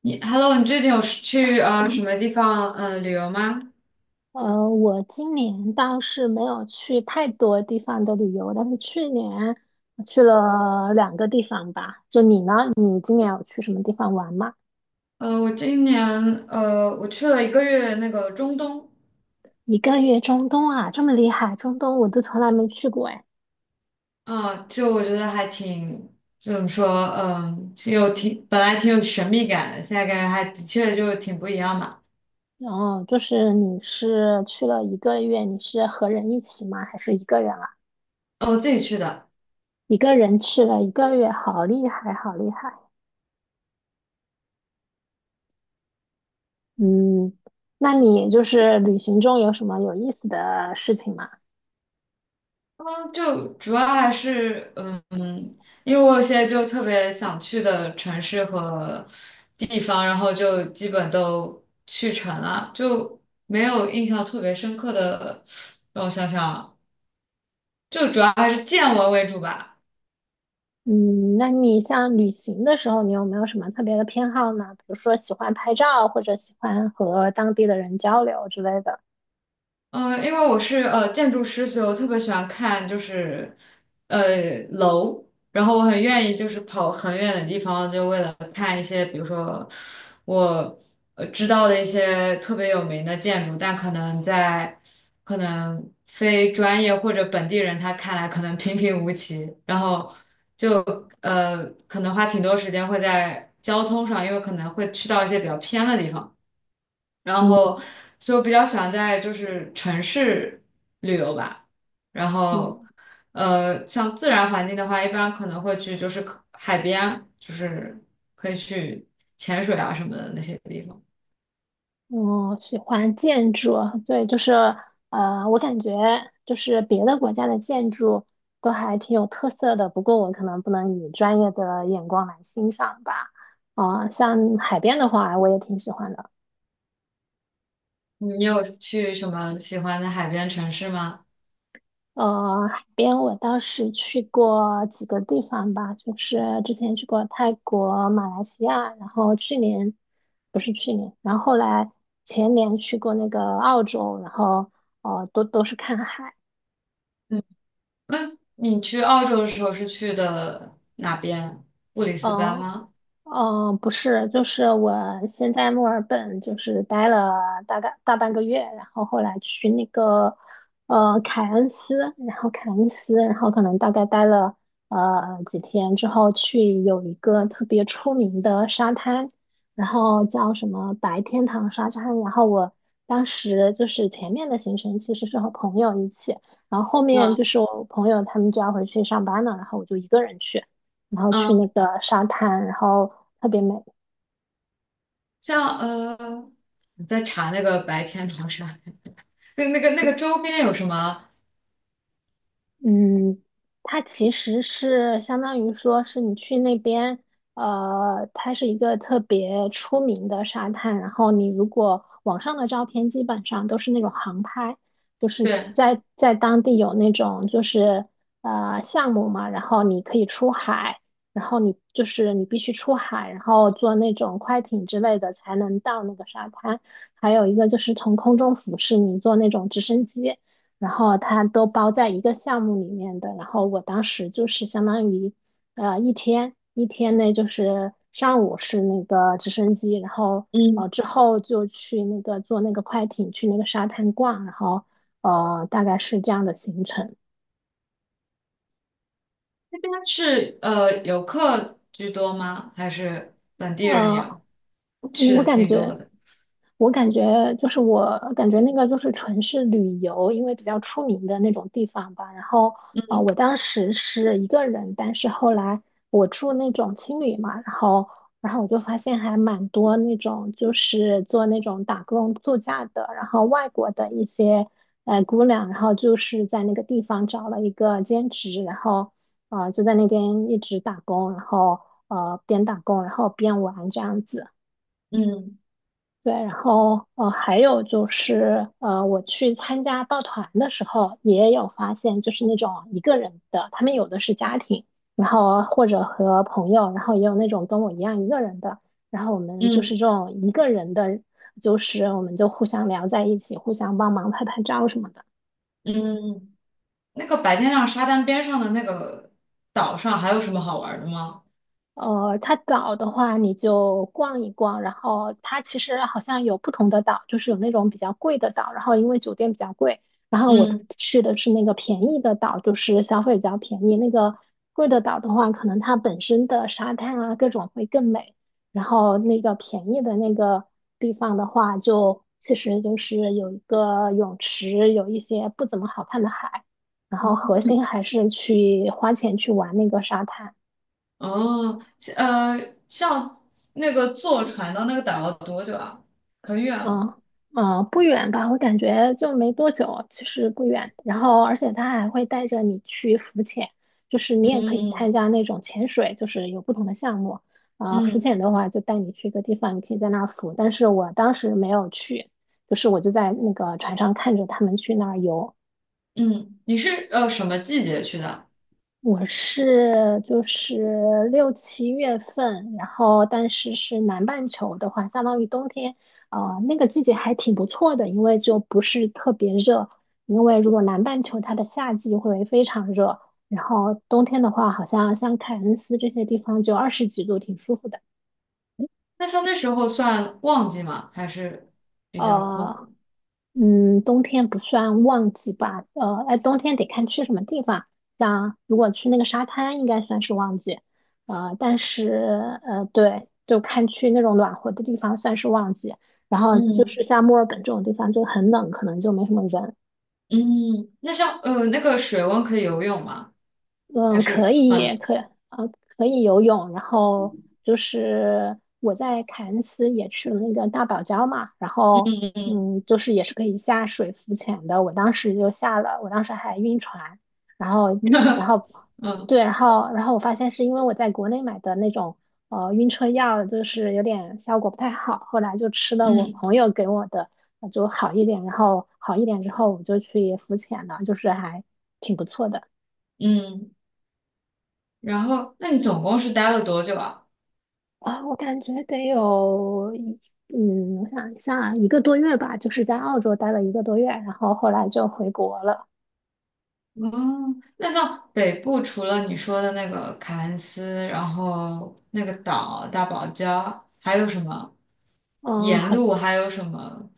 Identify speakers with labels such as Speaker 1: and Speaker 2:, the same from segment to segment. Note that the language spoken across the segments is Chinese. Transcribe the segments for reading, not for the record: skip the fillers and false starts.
Speaker 1: 你 Hello，你最近有去什么地方旅游吗？
Speaker 2: 我今年倒是没有去太多地方的旅游，但是去年去了两个地方吧。就你呢？你今年有去什么地方玩吗？
Speaker 1: 我今年我去了一个月那个中东，
Speaker 2: 一个月中东啊，这么厉害，中东我都从来没去过哎。
Speaker 1: 啊、就我觉得还挺怎么说，就本来挺有神秘感的，现在感觉还的确就挺不一样嘛。
Speaker 2: 然后就是你是去了一个月，你是和人一起吗？还是一个人啊？
Speaker 1: 哦，我自己去的。
Speaker 2: 一个人去了一个月，好厉害，好厉害。嗯，那你就是旅行中有什么有意思的事情吗？
Speaker 1: 嗯，就主要还是因为我现在就特别想去的城市和地方，然后就基本都去成了，就没有印象特别深刻的。让我想想，就主要还是见闻为主吧。
Speaker 2: 嗯，那你像旅行的时候，你有没有什么特别的偏好呢？比如说喜欢拍照，或者喜欢和当地的人交流之类的。
Speaker 1: 因为我是建筑师，所以我特别喜欢看就是楼，然后我很愿意就是跑很远的地方，就为了看一些，比如说我知道的一些特别有名的建筑，但可能非专业或者本地人他看来可能平平无奇，然后就可能花挺多时间会在交通上，因为可能会去到一些比较偏的地方。然
Speaker 2: 嗯
Speaker 1: 后所以我比较喜欢在就是城市旅游吧。然后
Speaker 2: 嗯，
Speaker 1: 像自然环境的话，一般可能会去就是可海边，就是可以去潜水啊什么的那些地方。
Speaker 2: 我喜欢建筑，对，就是,我感觉就是别的国家的建筑都还挺有特色的，不过我可能不能以专业的眼光来欣赏吧。啊、像海边的话，我也挺喜欢的。
Speaker 1: 你有去什么喜欢的海边城市吗？
Speaker 2: 海边我倒是去过几个地方吧，就是之前去过泰国、马来西亚，然后去年不是去年，然后后来前年去过那个澳洲，然后都是看海。
Speaker 1: 嗯，那你去澳洲的时候是去的哪边？布里斯班
Speaker 2: 嗯。
Speaker 1: 吗？
Speaker 2: 嗯，不是，就是我先在墨尔本就是待了大概大半个月，然后后来去那个凯恩斯，然后凯恩斯，然后可能大概待了几天之后，去有一个特别出名的沙滩，然后叫什么白天堂沙滩，然后我当时就是前面的行程其实是和朋友一起，然后后面就
Speaker 1: 嗯
Speaker 2: 是我朋友他们就要回去上班了，然后我就一个人去。然后去
Speaker 1: 嗯，
Speaker 2: 那个沙滩，然后特别美。
Speaker 1: 像我在查那个白天堂山，那个周边有什么？
Speaker 2: 嗯，它其实是相当于说是你去那边，它是一个特别出名的沙滩。然后你如果网上的照片基本上都是那种航拍，就是
Speaker 1: 对，
Speaker 2: 在当地有那种就是项目嘛，然后你可以出海，然后你就是你必须出海，然后坐那种快艇之类的才能到那个沙滩。还有一个就是从空中俯视，你坐那种直升机。然后它都包在一个项目里面的。然后我当时就是相当于，一天内就是上午是那个直升机，然后
Speaker 1: 嗯
Speaker 2: 之后就去那个坐那个快艇去那个沙滩逛，然后大概是这样的行程。
Speaker 1: 是游客居多吗？还是本地人也
Speaker 2: 呃，
Speaker 1: 有？我去
Speaker 2: 我
Speaker 1: 的
Speaker 2: 感
Speaker 1: 挺多
Speaker 2: 觉。
Speaker 1: 的。
Speaker 2: 我感觉那个就是纯是旅游，因为比较出名的那种地方吧。然后啊、我当时是一个人，但是后来我住那种青旅嘛，然后我就发现还蛮多那种就是做那种打工度假的，然后外国的一些姑娘，然后就是在那个地方找了一个兼职，然后啊、就在那边一直打工，然后边打工然后边玩这样子。
Speaker 1: 嗯
Speaker 2: 对，然后还有就是我去参加报团的时候，也有发现，就是那种一个人的，他们有的是家庭，然后或者和朋友，然后也有那种跟我一样一个人的，然后我们就是
Speaker 1: 嗯
Speaker 2: 这种一个人的，就是我们就互相聊在一起，互相帮忙拍拍照什么的。
Speaker 1: 嗯，那个白天亮沙滩边上的那个岛上还有什么好玩的吗？
Speaker 2: 它岛的话，你就逛一逛，然后它其实好像有不同的岛，就是有那种比较贵的岛，然后因为酒店比较贵，然后我
Speaker 1: 嗯。
Speaker 2: 去的是那个便宜的岛，就是消费比较便宜。那个贵的岛的话，可能它本身的沙滩啊各种会更美，然后那个便宜的那个地方的话就，其实就是有一个泳池，有一些不怎么好看的海，然后核心还是去花钱去玩那个沙滩。
Speaker 1: 哦，呃，像那个坐船到那个岛要多久啊？很远吗？
Speaker 2: 啊嗯，不远吧？我感觉就没多久，其实不远。然后，而且他还会带着你去浮潜，就是你
Speaker 1: 嗯
Speaker 2: 也可以参
Speaker 1: 嗯
Speaker 2: 加那种潜水，就是有不同的项目。啊、浮
Speaker 1: 嗯
Speaker 2: 潜的话就带你去一个地方，你可以在那儿浮。但是我当时没有去，就是我就在那个船上看着他们去那儿游。
Speaker 1: 嗯嗯，你是什么季节去的？
Speaker 2: 我是就是六七月份，然后但是是南半球的话，相当于冬天，那个季节还挺不错的，因为就不是特别热。因为如果南半球它的夏季会非常热，然后冬天的话，好像像凯恩斯这些地方就二十几度，挺舒服的。
Speaker 1: 那像那时候算旺季吗？还是比较空？
Speaker 2: 呃，嗯，冬天不算旺季吧？哎，冬天得看去什么地方。像如果去那个沙滩，应该算是旺季。但是,对，就看去那种暖和的地方算是旺季。然后就
Speaker 1: 嗯
Speaker 2: 是像墨尔本这种地方就很冷，可能就没什么人。
Speaker 1: 嗯，那像那个水温可以游泳吗？还
Speaker 2: 嗯，可
Speaker 1: 是很
Speaker 2: 以，呃可以游泳，然后就是我在凯恩斯也去了那个大堡礁嘛，然后
Speaker 1: 嗯
Speaker 2: 嗯，就是也是可以下水浮潜的，我当时就下了，我当时还晕船，然后
Speaker 1: 嗯
Speaker 2: 然后
Speaker 1: 嗯
Speaker 2: 对，然后我发现是因为我在国内买的那种晕车药，就是有点效果不太好，后来就吃了我
Speaker 1: 嗯
Speaker 2: 朋友给我的，就好一点，然后好一点之后我就去浮潜了，就是还挺不错的。
Speaker 1: 嗯。然后，那你总共是待了多久啊？
Speaker 2: 啊，我感觉得有一，嗯，我想一下，一个多月吧，就是在澳洲待了一个多月，然后后来就回国了。
Speaker 1: 哦，那像北部除了你说的那个凯恩斯，然后那个岛大堡礁，还有什么
Speaker 2: 嗯，
Speaker 1: 沿
Speaker 2: 好
Speaker 1: 路
Speaker 2: 像，
Speaker 1: 还有什么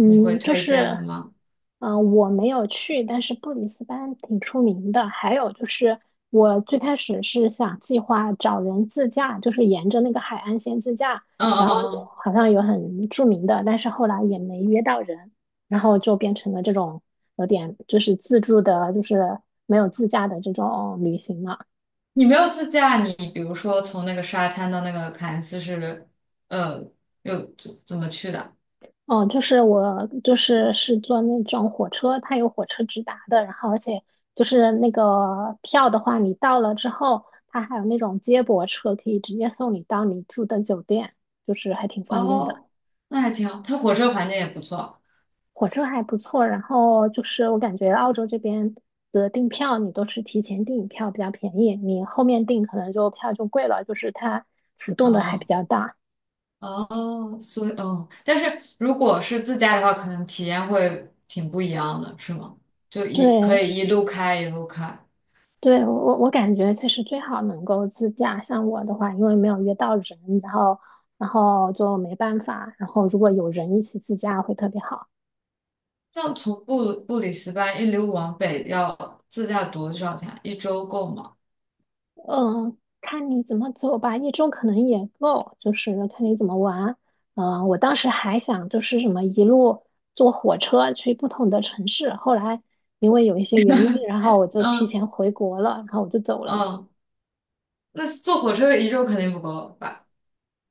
Speaker 1: 你会
Speaker 2: 就
Speaker 1: 推荐的
Speaker 2: 是，
Speaker 1: 吗？
Speaker 2: 嗯、我没有去，但是布里斯班挺出名的。还有就是，我最开始是想计划找人自驾，就是沿着那个海岸线自驾，
Speaker 1: 嗯嗯
Speaker 2: 然后
Speaker 1: 嗯。
Speaker 2: 好像有很著名的，但是后来也没约到人，然后就变成了这种有点就是自助的，就是没有自驾的这种旅行了。
Speaker 1: 你没有自驾，你比如说从那个沙滩到那个凯恩斯是，呃，又怎么去的？
Speaker 2: 哦，我是坐那种火车，它有火车直达的，然后而且就是那个票的话，你到了之后，它还有那种接驳车可以直接送你到你住的酒店，就是还挺方便的。
Speaker 1: 哦，那还挺好，它火车环境也不错。
Speaker 2: 火车还不错，然后就是我感觉澳洲这边的订票，你都是提前订票比较便宜，你后面订可能就票就贵了，就是它浮动的还比
Speaker 1: 嗯，
Speaker 2: 较大。
Speaker 1: 哦，所以嗯，但是如果是自驾的话，可能体验会挺不一样的，是吗？
Speaker 2: 对，
Speaker 1: 可以一路开一路开，
Speaker 2: 对，我感觉其实最好能够自驾。像我的话，因为没有约到人，然后然后就没办法。然后如果有人一起自驾会特别好。
Speaker 1: 像从布里斯班一路往北要自驾多少钱？一周够吗？
Speaker 2: 嗯，看你怎么走吧，一周可能也够，就是看你怎么玩。嗯，我当时还想就是什么一路坐火车去不同的城市，后来因为有一些原因，然后我就提
Speaker 1: 嗯
Speaker 2: 前回国了，然后我就走了。
Speaker 1: 嗯，那坐火车一周肯定不够吧？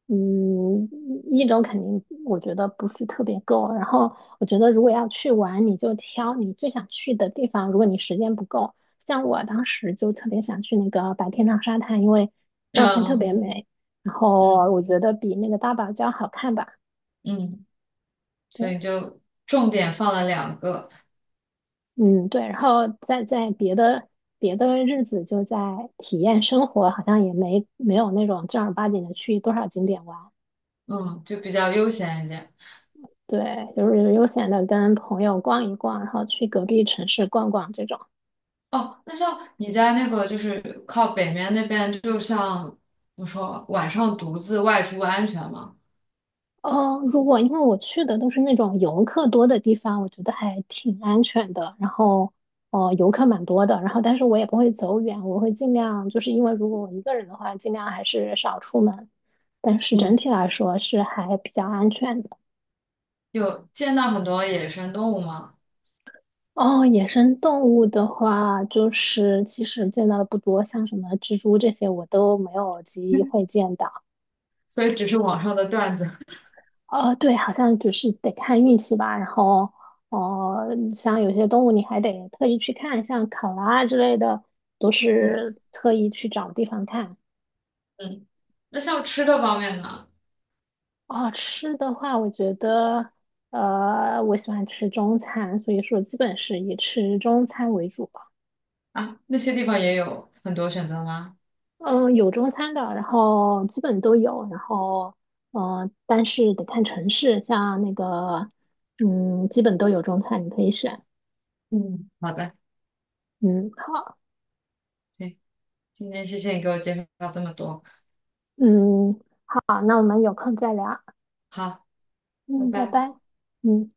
Speaker 2: 嗯，一周肯定我觉得不是特别够。然后我觉得如果要去玩，你就挑你最想去的地方。如果你时间不够，像我当时就特别想去那个白天堂沙滩，因为照片特
Speaker 1: 嗯
Speaker 2: 别美，然
Speaker 1: 嗯
Speaker 2: 后我觉得比那个大堡礁好看吧。
Speaker 1: 嗯。所
Speaker 2: 对，
Speaker 1: 以就重点放了两个，
Speaker 2: 嗯，对。然后再在别的日子就在体验生活，好像也没有那种正儿八经的去多少景点玩。
Speaker 1: 嗯，就比较悠闲一点。
Speaker 2: 对，就是悠闲的跟朋友逛一逛，然后去隔壁城市逛逛这种。
Speaker 1: 哦，那像你在那个就是靠北面那边，就像我说，晚上独自外出安全吗？
Speaker 2: 哦，如果因为我去的都是那种游客多的地方，我觉得还挺安全的。然后，哦，游客蛮多的。然后，但是我也不会走远，我会尽量，就是因为如果我一个人的话，尽量还是少出门。但是整
Speaker 1: 嗯，
Speaker 2: 体来说是还比较安全的。
Speaker 1: 有见到很多野生动物吗？
Speaker 2: 哦，野生动物的话，就是其实见到的不多，像什么蜘蛛这些我都没有机会 见到。
Speaker 1: 所以只是网上的段子。
Speaker 2: 哦，对，好像就是得看运气吧。然后，哦、像有些动物你还得特意去看，像考拉之类的，都
Speaker 1: 嗯
Speaker 2: 是特意去找地方看。
Speaker 1: 嗯，那像吃的方面呢？
Speaker 2: 哦，吃的话，我觉得，我喜欢吃中餐，所以说基本是以吃中餐为主吧。
Speaker 1: 啊，那些地方也有很多选择吗？
Speaker 2: 嗯，有中餐的，然后基本都有，然后，嗯，但是得看城市，像那个，嗯，基本都有中餐，你可以选。
Speaker 1: 嗯，好的，
Speaker 2: 嗯，好。
Speaker 1: 行，今天谢谢你给我介绍这么多，
Speaker 2: 嗯，好，那我们有空再聊。
Speaker 1: 好，拜
Speaker 2: 嗯，拜
Speaker 1: 拜。
Speaker 2: 拜。嗯。